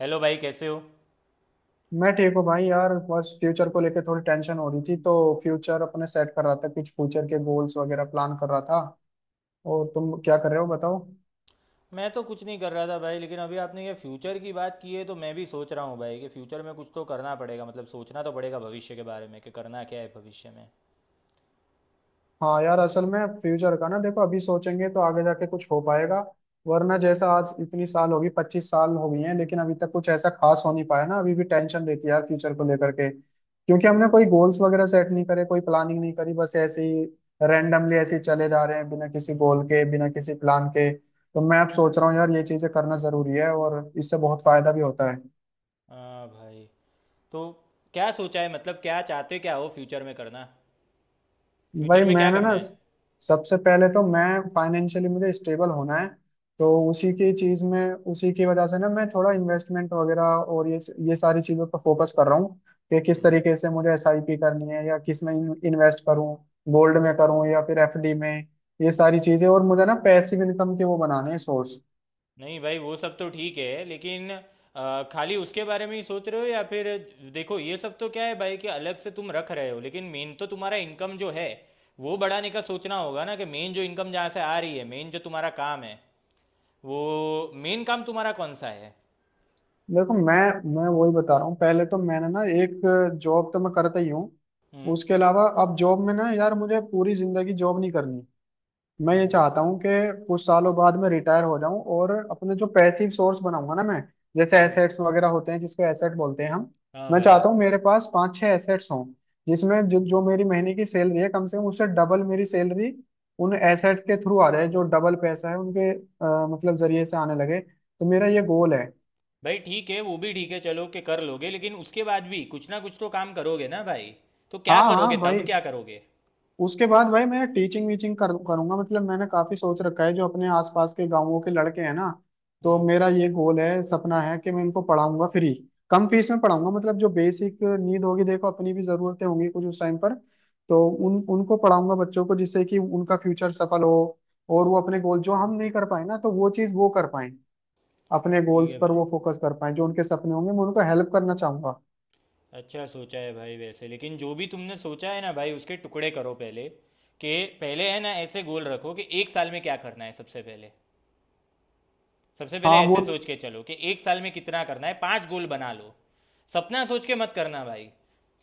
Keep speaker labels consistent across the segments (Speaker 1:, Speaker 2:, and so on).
Speaker 1: Hello भाई कैसे हो।
Speaker 2: मैं ठीक हूँ भाई यार। बस फ्यूचर को लेके थोड़ी टेंशन हो रही थी, तो फ्यूचर अपने सेट कर रहा था, कुछ फ्यूचर के गोल्स वगैरह प्लान कर रहा था। और तुम क्या कर रहे हो बताओ।
Speaker 1: मैं तो कुछ नहीं कर रहा था भाई, लेकिन अभी आपने ये फ्यूचर की बात की है तो मैं भी सोच रहा हूँ भाई कि फ्यूचर में कुछ तो करना पड़ेगा, मतलब सोचना तो पड़ेगा भविष्य के बारे में, कि करना क्या है भविष्य में।
Speaker 2: हाँ यार, असल में फ्यूचर का ना, देखो अभी सोचेंगे तो आगे जाके कुछ हो पाएगा, वरना जैसा आज इतनी साल होगी, 25 साल हो गई हैं, लेकिन अभी तक कुछ ऐसा खास हो नहीं पाया ना। अभी भी टेंशन रहती है यार फ्यूचर को लेकर के, क्योंकि हमने कोई गोल्स वगैरह सेट नहीं करे, कोई प्लानिंग नहीं करी, बस ऐसे ही रैंडमली ऐसे ही चले जा रहे हैं बिना किसी
Speaker 1: हम्म।
Speaker 2: गोल के, बिना किसी प्लान के। तो मैं अब सोच रहा हूँ यार ये चीजें करना जरूरी है, और इससे बहुत फायदा भी होता है।
Speaker 1: हाँ भाई। तो क्या सोचा है, मतलब क्या चाहते क्या हो फ्यूचर में करना? फ्यूचर
Speaker 2: भाई
Speaker 1: में क्या
Speaker 2: मैंने ना,
Speaker 1: करना है?
Speaker 2: सबसे पहले तो मैं, फाइनेंशियली मुझे स्टेबल होना है। तो उसी की चीज में, उसी की वजह से ना, मैं थोड़ा इन्वेस्टमेंट वगैरह और ये सारी चीजों पर फोकस कर रहा हूँ कि किस
Speaker 1: हम्म।
Speaker 2: तरीके से मुझे एसआईपी करनी है, या किस में इन्वेस्ट करूँ, गोल्ड में करूँ या फिर एफडी में। ये सारी चीजें, और मुझे ना पैसिव इनकम के वो बनाने हैं सोर्स।
Speaker 1: नहीं भाई, वो सब तो ठीक है, लेकिन खाली उसके बारे में ही सोच रहे हो, या फिर देखो ये सब तो क्या है भाई कि अलग से तुम रख रहे हो, लेकिन मेन तो तुम्हारा इनकम जो है वो बढ़ाने का सोचना होगा ना, कि मेन जो इनकम जहाँ से आ रही है, मेन जो तुम्हारा काम है, वो मेन काम तुम्हारा कौन सा है?
Speaker 2: देखो मैं वही बता रहा हूँ, पहले तो मैंने ना एक, जॉब तो मैं करता ही हूँ।
Speaker 1: हम्म।
Speaker 2: उसके अलावा अब जॉब में ना यार, मुझे पूरी जिंदगी जॉब नहीं करनी। मैं ये
Speaker 1: हम्म।
Speaker 2: चाहता हूँ कि कुछ सालों बाद मैं रिटायर हो जाऊं, और अपने जो पैसिव सोर्स बनाऊंगा ना मैं, जैसे
Speaker 1: हम्म,
Speaker 2: एसेट्स वगैरह होते हैं, जिसको एसेट बोलते हैं हम।
Speaker 1: हाँ
Speaker 2: मैं
Speaker 1: भाई।
Speaker 2: चाहता हूँ मेरे पास पांच छह एसेट्स हों, जिसमें जो मेरी महीने की सैलरी है, कम से कम उससे डबल मेरी सैलरी उन एसेट्स के थ्रू आ जाए, जो डबल पैसा है उनके मतलब जरिए से आने लगे, तो मेरा ये
Speaker 1: हम्म।
Speaker 2: गोल है।
Speaker 1: भाई ठीक है, वो भी ठीक है, चलो कि कर लोगे, लेकिन उसके बाद भी कुछ ना कुछ तो काम करोगे ना भाई, तो क्या
Speaker 2: हाँ हाँ
Speaker 1: करोगे,
Speaker 2: भाई,
Speaker 1: तब क्या करोगे?
Speaker 2: उसके बाद भाई मैं टीचिंग वीचिंग करूंगा मतलब मैंने काफी सोच रखा है, जो अपने आसपास के गांवों के लड़के हैं ना, तो
Speaker 1: हम्म।
Speaker 2: मेरा ये गोल है, सपना है कि मैं इनको पढ़ाऊंगा फ्री, कम फीस में पढ़ाऊंगा, मतलब जो बेसिक नीड होगी। देखो अपनी भी जरूरतें होंगी कुछ उस टाइम पर, तो उन उनको पढ़ाऊंगा बच्चों को, जिससे कि उनका फ्यूचर सफल हो, और वो अपने गोल जो हम
Speaker 1: हम्म,
Speaker 2: नहीं कर पाए ना, तो वो चीज वो कर पाए, अपने
Speaker 1: ठीक
Speaker 2: गोल्स
Speaker 1: है
Speaker 2: पर वो
Speaker 1: भाई।
Speaker 2: फोकस कर पाए, जो उनके सपने होंगे मैं उनको हेल्प करना चाहूंगा।
Speaker 1: अच्छा सोचा है भाई वैसे, लेकिन जो भी तुमने सोचा है ना भाई, उसके टुकड़े करो पहले, कि पहले, है ना, ऐसे गोल रखो कि एक साल में क्या करना है। सबसे पहले, सबसे पहले
Speaker 2: हाँ वो
Speaker 1: ऐसे सोच के चलो कि एक साल में कितना करना है, पांच गोल बना लो। सपना सोच के मत करना भाई,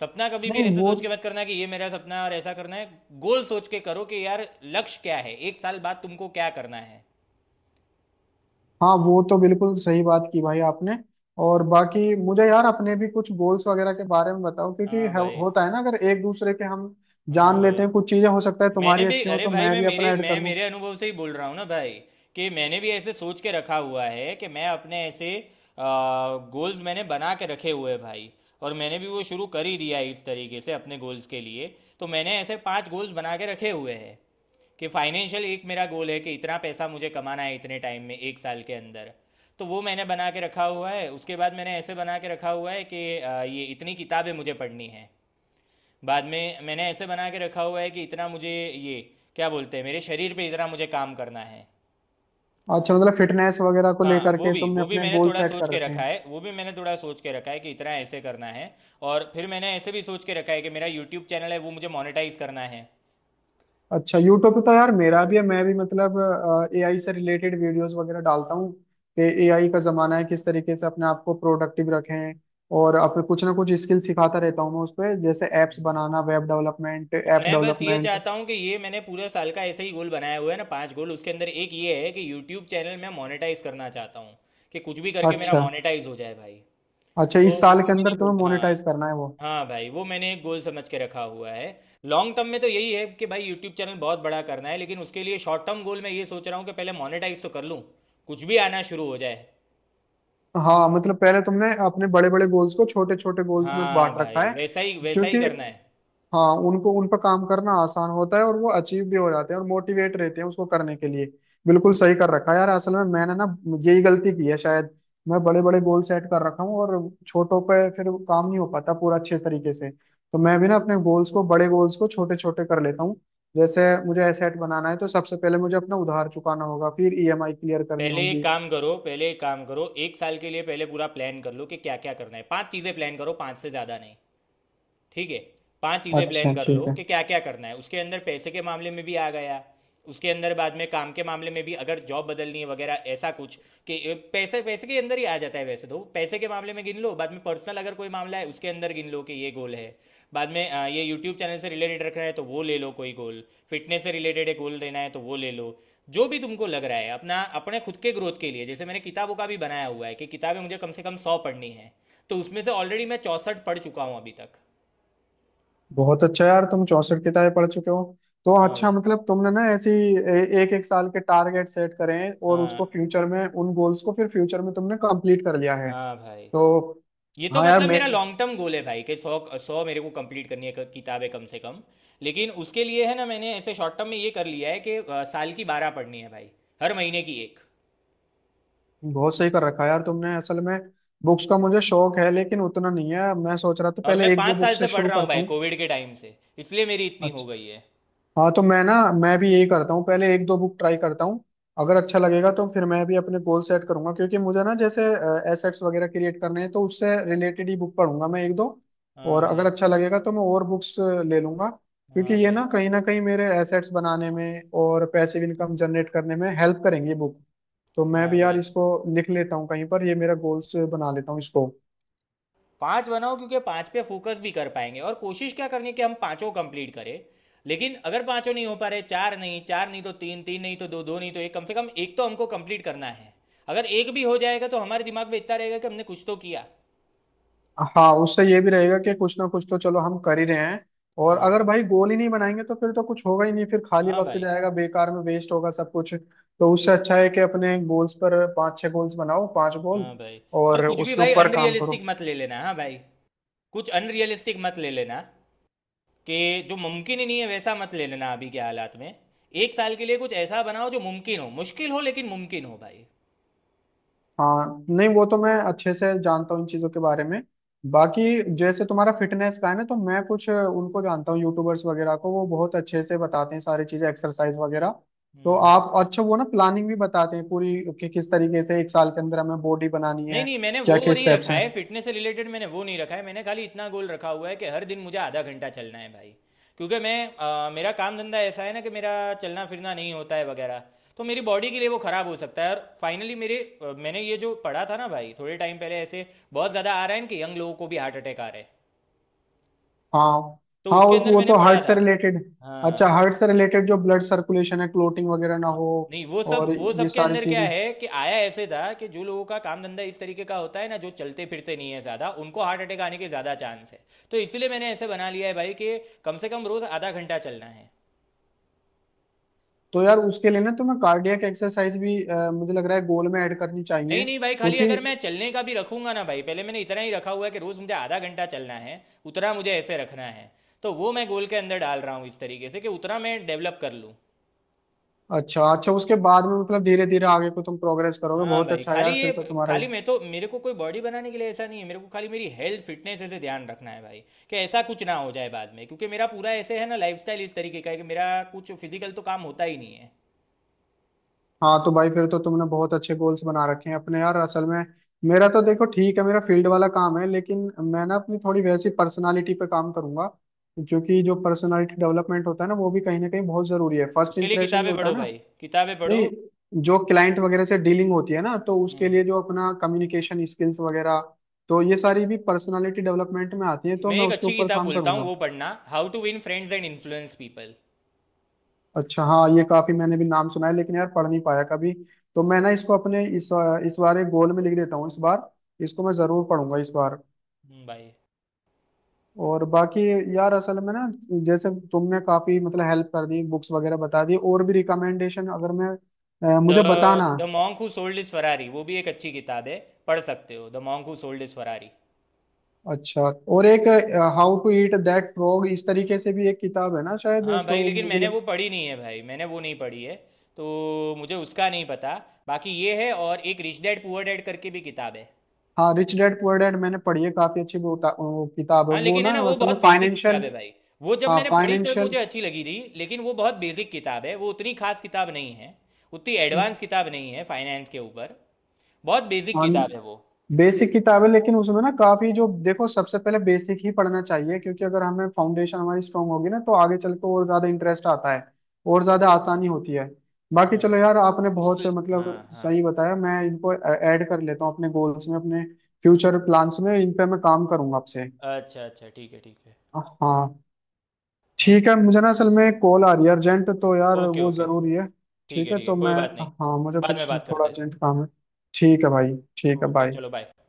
Speaker 1: सपना कभी भी
Speaker 2: नहीं
Speaker 1: ऐसे
Speaker 2: वो
Speaker 1: सोच के मत करना कि ये मेरा सपना है और ऐसा करना है। गोल सोच के करो कि यार, लक्ष्य क्या है, एक साल बाद तुमको क्या करना है।
Speaker 2: हाँ वो तो बिल्कुल सही बात की भाई आपने। और बाकी मुझे यार अपने भी कुछ गोल्स वगैरह के बारे में बताओ, क्योंकि
Speaker 1: हाँ भाई।
Speaker 2: होता है ना अगर एक दूसरे के हम
Speaker 1: हाँ
Speaker 2: जान
Speaker 1: भाई।
Speaker 2: लेते हैं कुछ चीजें, हो सकता है
Speaker 1: मैंने
Speaker 2: तुम्हारी
Speaker 1: भी,
Speaker 2: अच्छी हो
Speaker 1: अरे
Speaker 2: तो
Speaker 1: भाई,
Speaker 2: मैं
Speaker 1: मैं
Speaker 2: भी अपना
Speaker 1: मेरे
Speaker 2: ऐड
Speaker 1: मैं
Speaker 2: कर दूं।
Speaker 1: मेरे अनुभव से ही बोल रहा हूँ ना भाई, कि मैंने भी ऐसे सोच के रखा हुआ है, कि मैं अपने ऐसे गोल्स मैंने बना के रखे हुए हैं भाई, और मैंने भी वो शुरू कर ही दिया है इस तरीके से अपने गोल्स के लिए। तो मैंने ऐसे पांच गोल्स बना के रखे हुए हैं कि फाइनेंशियल एक मेरा गोल है, कि इतना पैसा मुझे कमाना है इतने टाइम में, एक साल के अंदर। तो वो मैंने बना के रखा हुआ है। उसके बाद मैंने ऐसे बना के रखा हुआ है कि ये इतनी किताबें मुझे पढ़नी है। बाद में मैंने ऐसे बना के रखा हुआ है कि इतना मुझे, ये क्या बोलते हैं, मेरे शरीर पे इतना मुझे काम करना है।
Speaker 2: अच्छा मतलब फिटनेस वगैरह को
Speaker 1: हाँ,
Speaker 2: लेकर
Speaker 1: वो
Speaker 2: के
Speaker 1: भी
Speaker 2: तुमने
Speaker 1: वो भी
Speaker 2: अपने
Speaker 1: मैंने
Speaker 2: गोल
Speaker 1: थोड़ा
Speaker 2: सेट
Speaker 1: सोच
Speaker 2: कर
Speaker 1: के
Speaker 2: रखे
Speaker 1: रखा
Speaker 2: हैं।
Speaker 1: है, वो भी मैंने थोड़ा सोच के रखा है कि इतना ऐसे करना है। और फिर मैंने ऐसे भी सोच के रखा है कि मेरा यूट्यूब चैनल है, वो मुझे मोनेटाइज करना है।
Speaker 2: अच्छा यूट्यूब पे तो यार मेरा भी है, मैं भी मतलब एआई से रिलेटेड वीडियोस वगैरह डालता हूँ, कि एआई का जमाना है, किस तरीके से अपने आप को प्रोडक्टिव रखें, और अपने कुछ ना कुछ स्किल सिखाता रहता हूँ मैं उस पे, जैसे एप्स
Speaker 1: हम्म,
Speaker 2: बनाना, वेब डेवलपमेंट,
Speaker 1: तो
Speaker 2: ऐप
Speaker 1: मैं बस ये
Speaker 2: डेवलपमेंट।
Speaker 1: चाहता हूँ कि ये मैंने पूरे साल का ऐसे ही गोल बनाया हुआ है ना, पांच गोल, उसके अंदर एक ये है कि यूट्यूब चैनल मैं मोनेटाइज करना चाहता हूँ, कि कुछ भी करके मेरा
Speaker 2: अच्छा
Speaker 1: मोनेटाइज हो जाए भाई।
Speaker 2: अच्छा,
Speaker 1: तो
Speaker 2: इस
Speaker 1: वो
Speaker 2: साल के
Speaker 1: मैंने
Speaker 2: अंदर
Speaker 1: गोल,
Speaker 2: तुम्हें मोनेटाइज
Speaker 1: हाँ,
Speaker 2: करना है वो।
Speaker 1: हाँ भाई, वो मैंने एक गोल समझ के रखा हुआ है। लॉन्ग टर्म में तो यही है कि भाई यूट्यूब चैनल बहुत बड़ा करना है, लेकिन उसके लिए शॉर्ट टर्म गोल मैं ये सोच रहा हूँ कि पहले मोनेटाइज तो कर लूँ, कुछ भी आना शुरू हो जाए।
Speaker 2: हाँ मतलब पहले तुमने अपने बड़े बड़े गोल्स को छोटे छोटे गोल्स में
Speaker 1: हाँ
Speaker 2: बांट रखा
Speaker 1: भाई,
Speaker 2: है,
Speaker 1: वैसा ही
Speaker 2: क्योंकि
Speaker 1: करना है।
Speaker 2: हाँ उनको, उन पर काम करना आसान होता है और वो अचीव भी हो जाते हैं और मोटिवेट रहते हैं उसको करने के लिए। बिल्कुल सही कर रखा है यार, असल में मैंने ना यही गलती की है शायद। मैं बड़े बड़े गोल सेट कर रखा हूँ और छोटों पे फिर काम नहीं हो पाता पूरा अच्छे तरीके से, तो मैं भी ना अपने गोल्स को, बड़े गोल्स को छोटे छोटे कर लेता हूँ। जैसे मुझे एसेट बनाना है, तो सबसे पहले मुझे अपना उधार चुकाना होगा, फिर ईएमआई क्लियर करनी
Speaker 1: पहले एक
Speaker 2: होगी।
Speaker 1: काम करो, पहले एक काम करो, एक साल के लिए पहले पूरा प्लान कर लो कि क्या क्या करना है, पांच चीज़ें प्लान करो, पांच से ज़्यादा नहीं। ठीक है? पांच चीज़ें प्लान
Speaker 2: अच्छा
Speaker 1: कर लो
Speaker 2: ठीक है।
Speaker 1: कि क्या क्या करना है, उसके अंदर पैसे के मामले में भी आ गया, उसके अंदर बाद में काम के मामले में भी, अगर जॉब बदलनी है वगैरह ऐसा कुछ, कि पैसे, पैसे के अंदर ही आ जाता है वैसे, तो पैसे के मामले में गिन लो। बाद में पर्सनल, अगर कोई मामला है उसके अंदर गिन लो कि ये गोल है। बाद में ये यूट्यूब चैनल से रिलेटेड रखना है तो वो ले लो कोई गोल। फिटनेस से रिलेटेड है, गोल देना है तो वो ले लो। जो भी तुमको लग रहा है अपना, अपने खुद के ग्रोथ के लिए, जैसे मैंने किताबों का भी बनाया हुआ है कि किताबें मुझे कम से कम 100 पढ़नी है, तो उसमें से ऑलरेडी मैं 64 पढ़ चुका हूँ अभी तक।
Speaker 2: बहुत अच्छा यार, तुम 64 किताबें पढ़ चुके हो। तो
Speaker 1: हाँ
Speaker 2: अच्छा
Speaker 1: भाई।
Speaker 2: मतलब तुमने ना ऐसी एक एक साल के टारगेट सेट करे हैं, और उसको
Speaker 1: हाँ,
Speaker 2: फ्यूचर में, उन गोल्स को फिर फ्यूचर में तुमने कंप्लीट कर लिया है।
Speaker 1: हाँ भाई।
Speaker 2: तो,
Speaker 1: ये तो
Speaker 2: हाँ यार
Speaker 1: मतलब
Speaker 2: मैं।
Speaker 1: मेरा लॉन्ग टर्म गोल है भाई कि सौ सौ मेरे को कंप्लीट करनी है किताबें, कम से कम। लेकिन उसके लिए, है ना, मैंने ऐसे शॉर्ट टर्म में ये कर लिया है कि साल की 12 पढ़नी है भाई, हर महीने की एक।
Speaker 2: बहुत सही कर रखा है यार तुमने असल में। बुक्स का मुझे शौक है लेकिन उतना नहीं है, मैं सोच रहा था
Speaker 1: और
Speaker 2: पहले
Speaker 1: मैं
Speaker 2: एक दो
Speaker 1: पाँच
Speaker 2: बुक
Speaker 1: साल
Speaker 2: से
Speaker 1: से पढ़
Speaker 2: शुरू
Speaker 1: रहा हूँ
Speaker 2: करता
Speaker 1: भाई,
Speaker 2: हूँ।
Speaker 1: कोविड के टाइम से, इसलिए मेरी इतनी हो
Speaker 2: अच्छा।
Speaker 1: गई है।
Speaker 2: हाँ तो मैं ना, मैं भी यही करता हूँ, पहले एक दो बुक ट्राई करता हूँ, अगर अच्छा लगेगा तो फिर मैं भी अपने गोल सेट करूंगा, क्योंकि मुझे ना जैसे एसेट्स वगैरह क्रिएट करने हैं, तो उससे रिलेटेड ही बुक पढ़ूंगा मैं एक दो।
Speaker 1: हाँ
Speaker 2: और अगर
Speaker 1: भाई।
Speaker 2: अच्छा लगेगा तो मैं और बुक्स ले लूंगा, क्योंकि
Speaker 1: हाँ
Speaker 2: ये
Speaker 1: भाई।
Speaker 2: ना कहीं मेरे एसेट्स बनाने में और पैसिव इनकम जनरेट करने में हेल्प करेंगे बुक। तो मैं
Speaker 1: हाँ
Speaker 2: भी यार
Speaker 1: भाई।
Speaker 2: इसको लिख लेता हूँ कहीं पर, ये मेरा गोल्स बना लेता हूँ इसको।
Speaker 1: पांच बनाओ, क्योंकि पांच पे फोकस भी कर पाएंगे, और कोशिश क्या करनी है कि हम पांचों कंप्लीट करें। लेकिन अगर पांचों नहीं हो पा रहे, चार नहीं, चार नहीं तो तीन, तीन नहीं तो दो, दो नहीं तो एक, कम से कम एक तो हमको कंप्लीट करना है। अगर एक भी हो जाएगा तो हमारे दिमाग में इतना रहेगा कि हमने कुछ तो किया।
Speaker 2: हाँ उससे ये भी रहेगा कि कुछ ना कुछ तो चलो हम कर ही रहे हैं। और
Speaker 1: हम्म,
Speaker 2: अगर भाई गोल ही नहीं बनाएंगे, तो फिर तो कुछ होगा ही नहीं, फिर खाली
Speaker 1: हाँ
Speaker 2: वक्त
Speaker 1: भाई।
Speaker 2: जाएगा, बेकार में वेस्ट होगा सब कुछ। तो उससे अच्छा है कि अपने गोल्स पर, पांच छह गोल्स बनाओ, पांच गोल,
Speaker 1: हाँ भाई। और
Speaker 2: और
Speaker 1: कुछ भी
Speaker 2: उसके
Speaker 1: भाई
Speaker 2: ऊपर काम
Speaker 1: अनरियलिस्टिक
Speaker 2: करो।
Speaker 1: मत ले लेना, हाँ भाई, कुछ अनरियलिस्टिक मत ले लेना, कि जो मुमकिन ही नहीं है वैसा मत ले लेना अभी के हालात में। एक साल के लिए कुछ ऐसा बनाओ जो मुमकिन हो, मुश्किल हो लेकिन मुमकिन हो भाई।
Speaker 2: हाँ नहीं वो तो मैं अच्छे से जानता हूँ इन चीज़ों के बारे में। बाकी जैसे तुम्हारा फिटनेस का है ना, तो मैं कुछ उनको जानता हूँ यूट्यूबर्स वगैरह को, वो बहुत अच्छे से बताते हैं सारी चीज़ें, एक्सरसाइज वगैरह, तो
Speaker 1: हम्म।
Speaker 2: आप, अच्छा वो ना प्लानिंग भी बताते हैं पूरी, कि किस तरीके से एक साल के अंदर हमें बॉडी बनानी
Speaker 1: नहीं
Speaker 2: है,
Speaker 1: नहीं, मैंने वो
Speaker 2: क्या क्या
Speaker 1: नहीं
Speaker 2: स्टेप्स
Speaker 1: रखा
Speaker 2: हैं।
Speaker 1: है फिटनेस से रिलेटेड, मैंने वो नहीं रखा है, मैंने खाली इतना गोल रखा हुआ है कि हर दिन मुझे आधा घंटा चलना है भाई। क्योंकि मैं, मेरा काम धंधा ऐसा है ना कि मेरा चलना फिरना नहीं होता है वगैरह, तो मेरी बॉडी के लिए वो ख़राब हो सकता है। और फाइनली मेरे, मैंने ये जो पढ़ा था ना भाई थोड़े टाइम पहले ऐसे, बहुत ज़्यादा आ रहा है ना कि यंग लोगों को भी हार्ट अटैक आ रहे हैं,
Speaker 2: हाँ
Speaker 1: तो
Speaker 2: हाँ,
Speaker 1: उसके अंदर
Speaker 2: वो
Speaker 1: मैंने
Speaker 2: तो
Speaker 1: पढ़ा
Speaker 2: हार्ट से
Speaker 1: था।
Speaker 2: रिलेटेड। अच्छा
Speaker 1: हाँ।
Speaker 2: हार्ट से रिलेटेड, जो ब्लड सर्कुलेशन है, क्लोटिंग वगैरह ना
Speaker 1: हाँ,
Speaker 2: हो,
Speaker 1: नहीं वो सब
Speaker 2: और
Speaker 1: वो
Speaker 2: ये
Speaker 1: सब के
Speaker 2: सारी
Speaker 1: अंदर क्या
Speaker 2: चीज़ें।
Speaker 1: है कि आया ऐसे था कि जो लोगों का काम धंधा इस तरीके का होता है ना, जो चलते फिरते नहीं है ज़्यादा, उनको हार्ट अटैक आने के ज़्यादा चांस है। तो इसीलिए मैंने ऐसे बना लिया है भाई कि कम से कम रोज़ आधा घंटा चलना है।
Speaker 2: तो यार उसके लिए ना तुम्हें कार्डियक एक्सरसाइज भी, मुझे लग रहा है गोल में ऐड करनी
Speaker 1: नहीं
Speaker 2: चाहिए,
Speaker 1: नहीं भाई, खाली
Speaker 2: क्योंकि
Speaker 1: अगर मैं चलने का भी रखूंगा ना भाई, पहले मैंने इतना ही रखा हुआ है कि रोज़ मुझे आधा घंटा चलना है, उतना मुझे ऐसे रखना है। तो वो मैं गोल के अंदर डाल रहा हूँ इस तरीके से, कि उतना मैं डेवलप कर लूँ।
Speaker 2: अच्छा अच्छा, उसके बाद में मतलब धीरे धीरे आगे को तुम प्रोग्रेस करोगे,
Speaker 1: हाँ
Speaker 2: बहुत
Speaker 1: भाई,
Speaker 2: अच्छा
Speaker 1: खाली
Speaker 2: यार, फिर
Speaker 1: ये,
Speaker 2: तो तुम्हारा
Speaker 1: खाली मैं तो मेरे को कोई बॉडी बनाने के लिए ऐसा नहीं है, मेरे को खाली मेरी हेल्थ फिटनेस ऐसे ध्यान रखना है भाई, कि ऐसा कुछ ना हो जाए बाद में, क्योंकि मेरा पूरा ऐसे है ना, लाइफस्टाइल इस तरीके का है कि मेरा कुछ फिजिकल तो काम होता ही नहीं है।
Speaker 2: हाँ तो भाई फिर तो तुमने बहुत अच्छे गोल्स बना रखे हैं अपने यार असल में। मेरा तो देखो ठीक है, मेरा फील्ड वाला काम है, लेकिन मैं ना अपनी थोड़ी वैसी पर्सनालिटी पे काम करूंगा, क्योंकि जो पर्सनालिटी डेवलपमेंट होता है ना, वो भी कहीं ना कहीं बहुत जरूरी है, फर्स्ट
Speaker 1: उसके लिए
Speaker 2: इंप्रेशन जो
Speaker 1: किताबें
Speaker 2: होता है
Speaker 1: पढ़ो
Speaker 2: ना,
Speaker 1: भाई, किताबें पढ़ो।
Speaker 2: नहीं जो क्लाइंट वगैरह से डीलिंग होती है ना, तो उसके
Speaker 1: हम्म
Speaker 2: लिए जो अपना कम्युनिकेशन स्किल्स वगैरह, तो ये सारी भी पर्सनालिटी डेवलपमेंट में आती है, तो
Speaker 1: मैं
Speaker 2: मैं
Speaker 1: एक
Speaker 2: उसके
Speaker 1: अच्छी
Speaker 2: ऊपर
Speaker 1: किताब
Speaker 2: काम
Speaker 1: बोलता हूँ,
Speaker 2: करूंगा।
Speaker 1: वो पढ़ना, how to win friends and influence people.
Speaker 2: अच्छा हाँ, ये काफी मैंने भी नाम सुना है लेकिन यार पढ़ नहीं पाया कभी, तो मैं ना इसको अपने इस बार एक गोल में लिख देता हूँ इस बार, इसको मैं जरूर पढ़ूंगा इस बार।
Speaker 1: भाई,
Speaker 2: और बाकी यार असल में ना, जैसे तुमने काफी मतलब हेल्प कर दी बुक्स वगैरह बता दी, और भी रिकमेंडेशन अगर मैं,
Speaker 1: द
Speaker 2: मुझे बताना।
Speaker 1: The monk who sold his Ferrari वो भी एक अच्छी किताब है, पढ़ सकते हो, the monk who sold his Ferrari.
Speaker 2: अच्छा, और एक how to eat that frog इस तरीके से भी एक किताब है ना शायद,
Speaker 1: हाँ भाई,
Speaker 2: तो
Speaker 1: लेकिन
Speaker 2: मुझे
Speaker 1: मैंने वो पढ़ी नहीं है भाई, मैंने वो नहीं पढ़ी है, तो मुझे उसका नहीं पता। बाकी ये है, और एक रिच डैड पुअर डैड करके भी किताब है।
Speaker 2: हाँ रिच डैड पुअर डैड मैंने पढ़ी है काफी अच्छी, वो किताब है
Speaker 1: हाँ,
Speaker 2: वो
Speaker 1: लेकिन है
Speaker 2: ना,
Speaker 1: ना वो
Speaker 2: असल
Speaker 1: बहुत
Speaker 2: में
Speaker 1: बेसिक किताब
Speaker 2: फाइनेंशियल।
Speaker 1: है भाई, वो जब
Speaker 2: हाँ
Speaker 1: मैंने पढ़ी तब
Speaker 2: फाइनेंशियल
Speaker 1: मुझे अच्छी लगी थी, लेकिन वो बहुत बेसिक किताब है, वो उतनी खास किताब नहीं है, उतनी एडवांस किताब नहीं है फाइनेंस के ऊपर, बहुत बेसिक किताब है वो।
Speaker 2: बेसिक किताब है, लेकिन उसमें ना काफी जो, देखो सबसे पहले बेसिक ही पढ़ना चाहिए क्योंकि अगर हमें फाउंडेशन हमारी स्ट्रांग होगी ना, तो आगे चल के और ज्यादा इंटरेस्ट आता है और ज्यादा
Speaker 1: हम्म,
Speaker 2: आसानी होती है। बाकी
Speaker 1: हाँ
Speaker 2: चलो
Speaker 1: भाई।
Speaker 2: यार, आपने
Speaker 1: उस,
Speaker 2: बहुत
Speaker 1: हाँ
Speaker 2: मतलब
Speaker 1: हाँ।
Speaker 2: सही बताया, मैं इनको ऐड कर लेता हूँ अपने गोल्स में, अपने फ्यूचर प्लान्स में, इन पे मैं काम करूंगा आपसे।
Speaker 1: अच्छा अच्छा, ठीक है ठीक है।
Speaker 2: हाँ
Speaker 1: हाँ।
Speaker 2: ठीक है, मुझे ना असल में कॉल आ रही है अर्जेंट, तो यार
Speaker 1: ओके
Speaker 2: वो
Speaker 1: ओके।
Speaker 2: जरूरी है।
Speaker 1: ठीक
Speaker 2: ठीक
Speaker 1: है
Speaker 2: है
Speaker 1: ठीक है,
Speaker 2: तो मैं,
Speaker 1: कोई बात नहीं,
Speaker 2: हाँ मुझे
Speaker 1: बाद में
Speaker 2: कुछ
Speaker 1: बात
Speaker 2: थोड़ा
Speaker 1: करते हैं।
Speaker 2: अर्जेंट काम है। ठीक है भाई, ठीक है
Speaker 1: ओके, चलो
Speaker 2: बाय।
Speaker 1: बाय।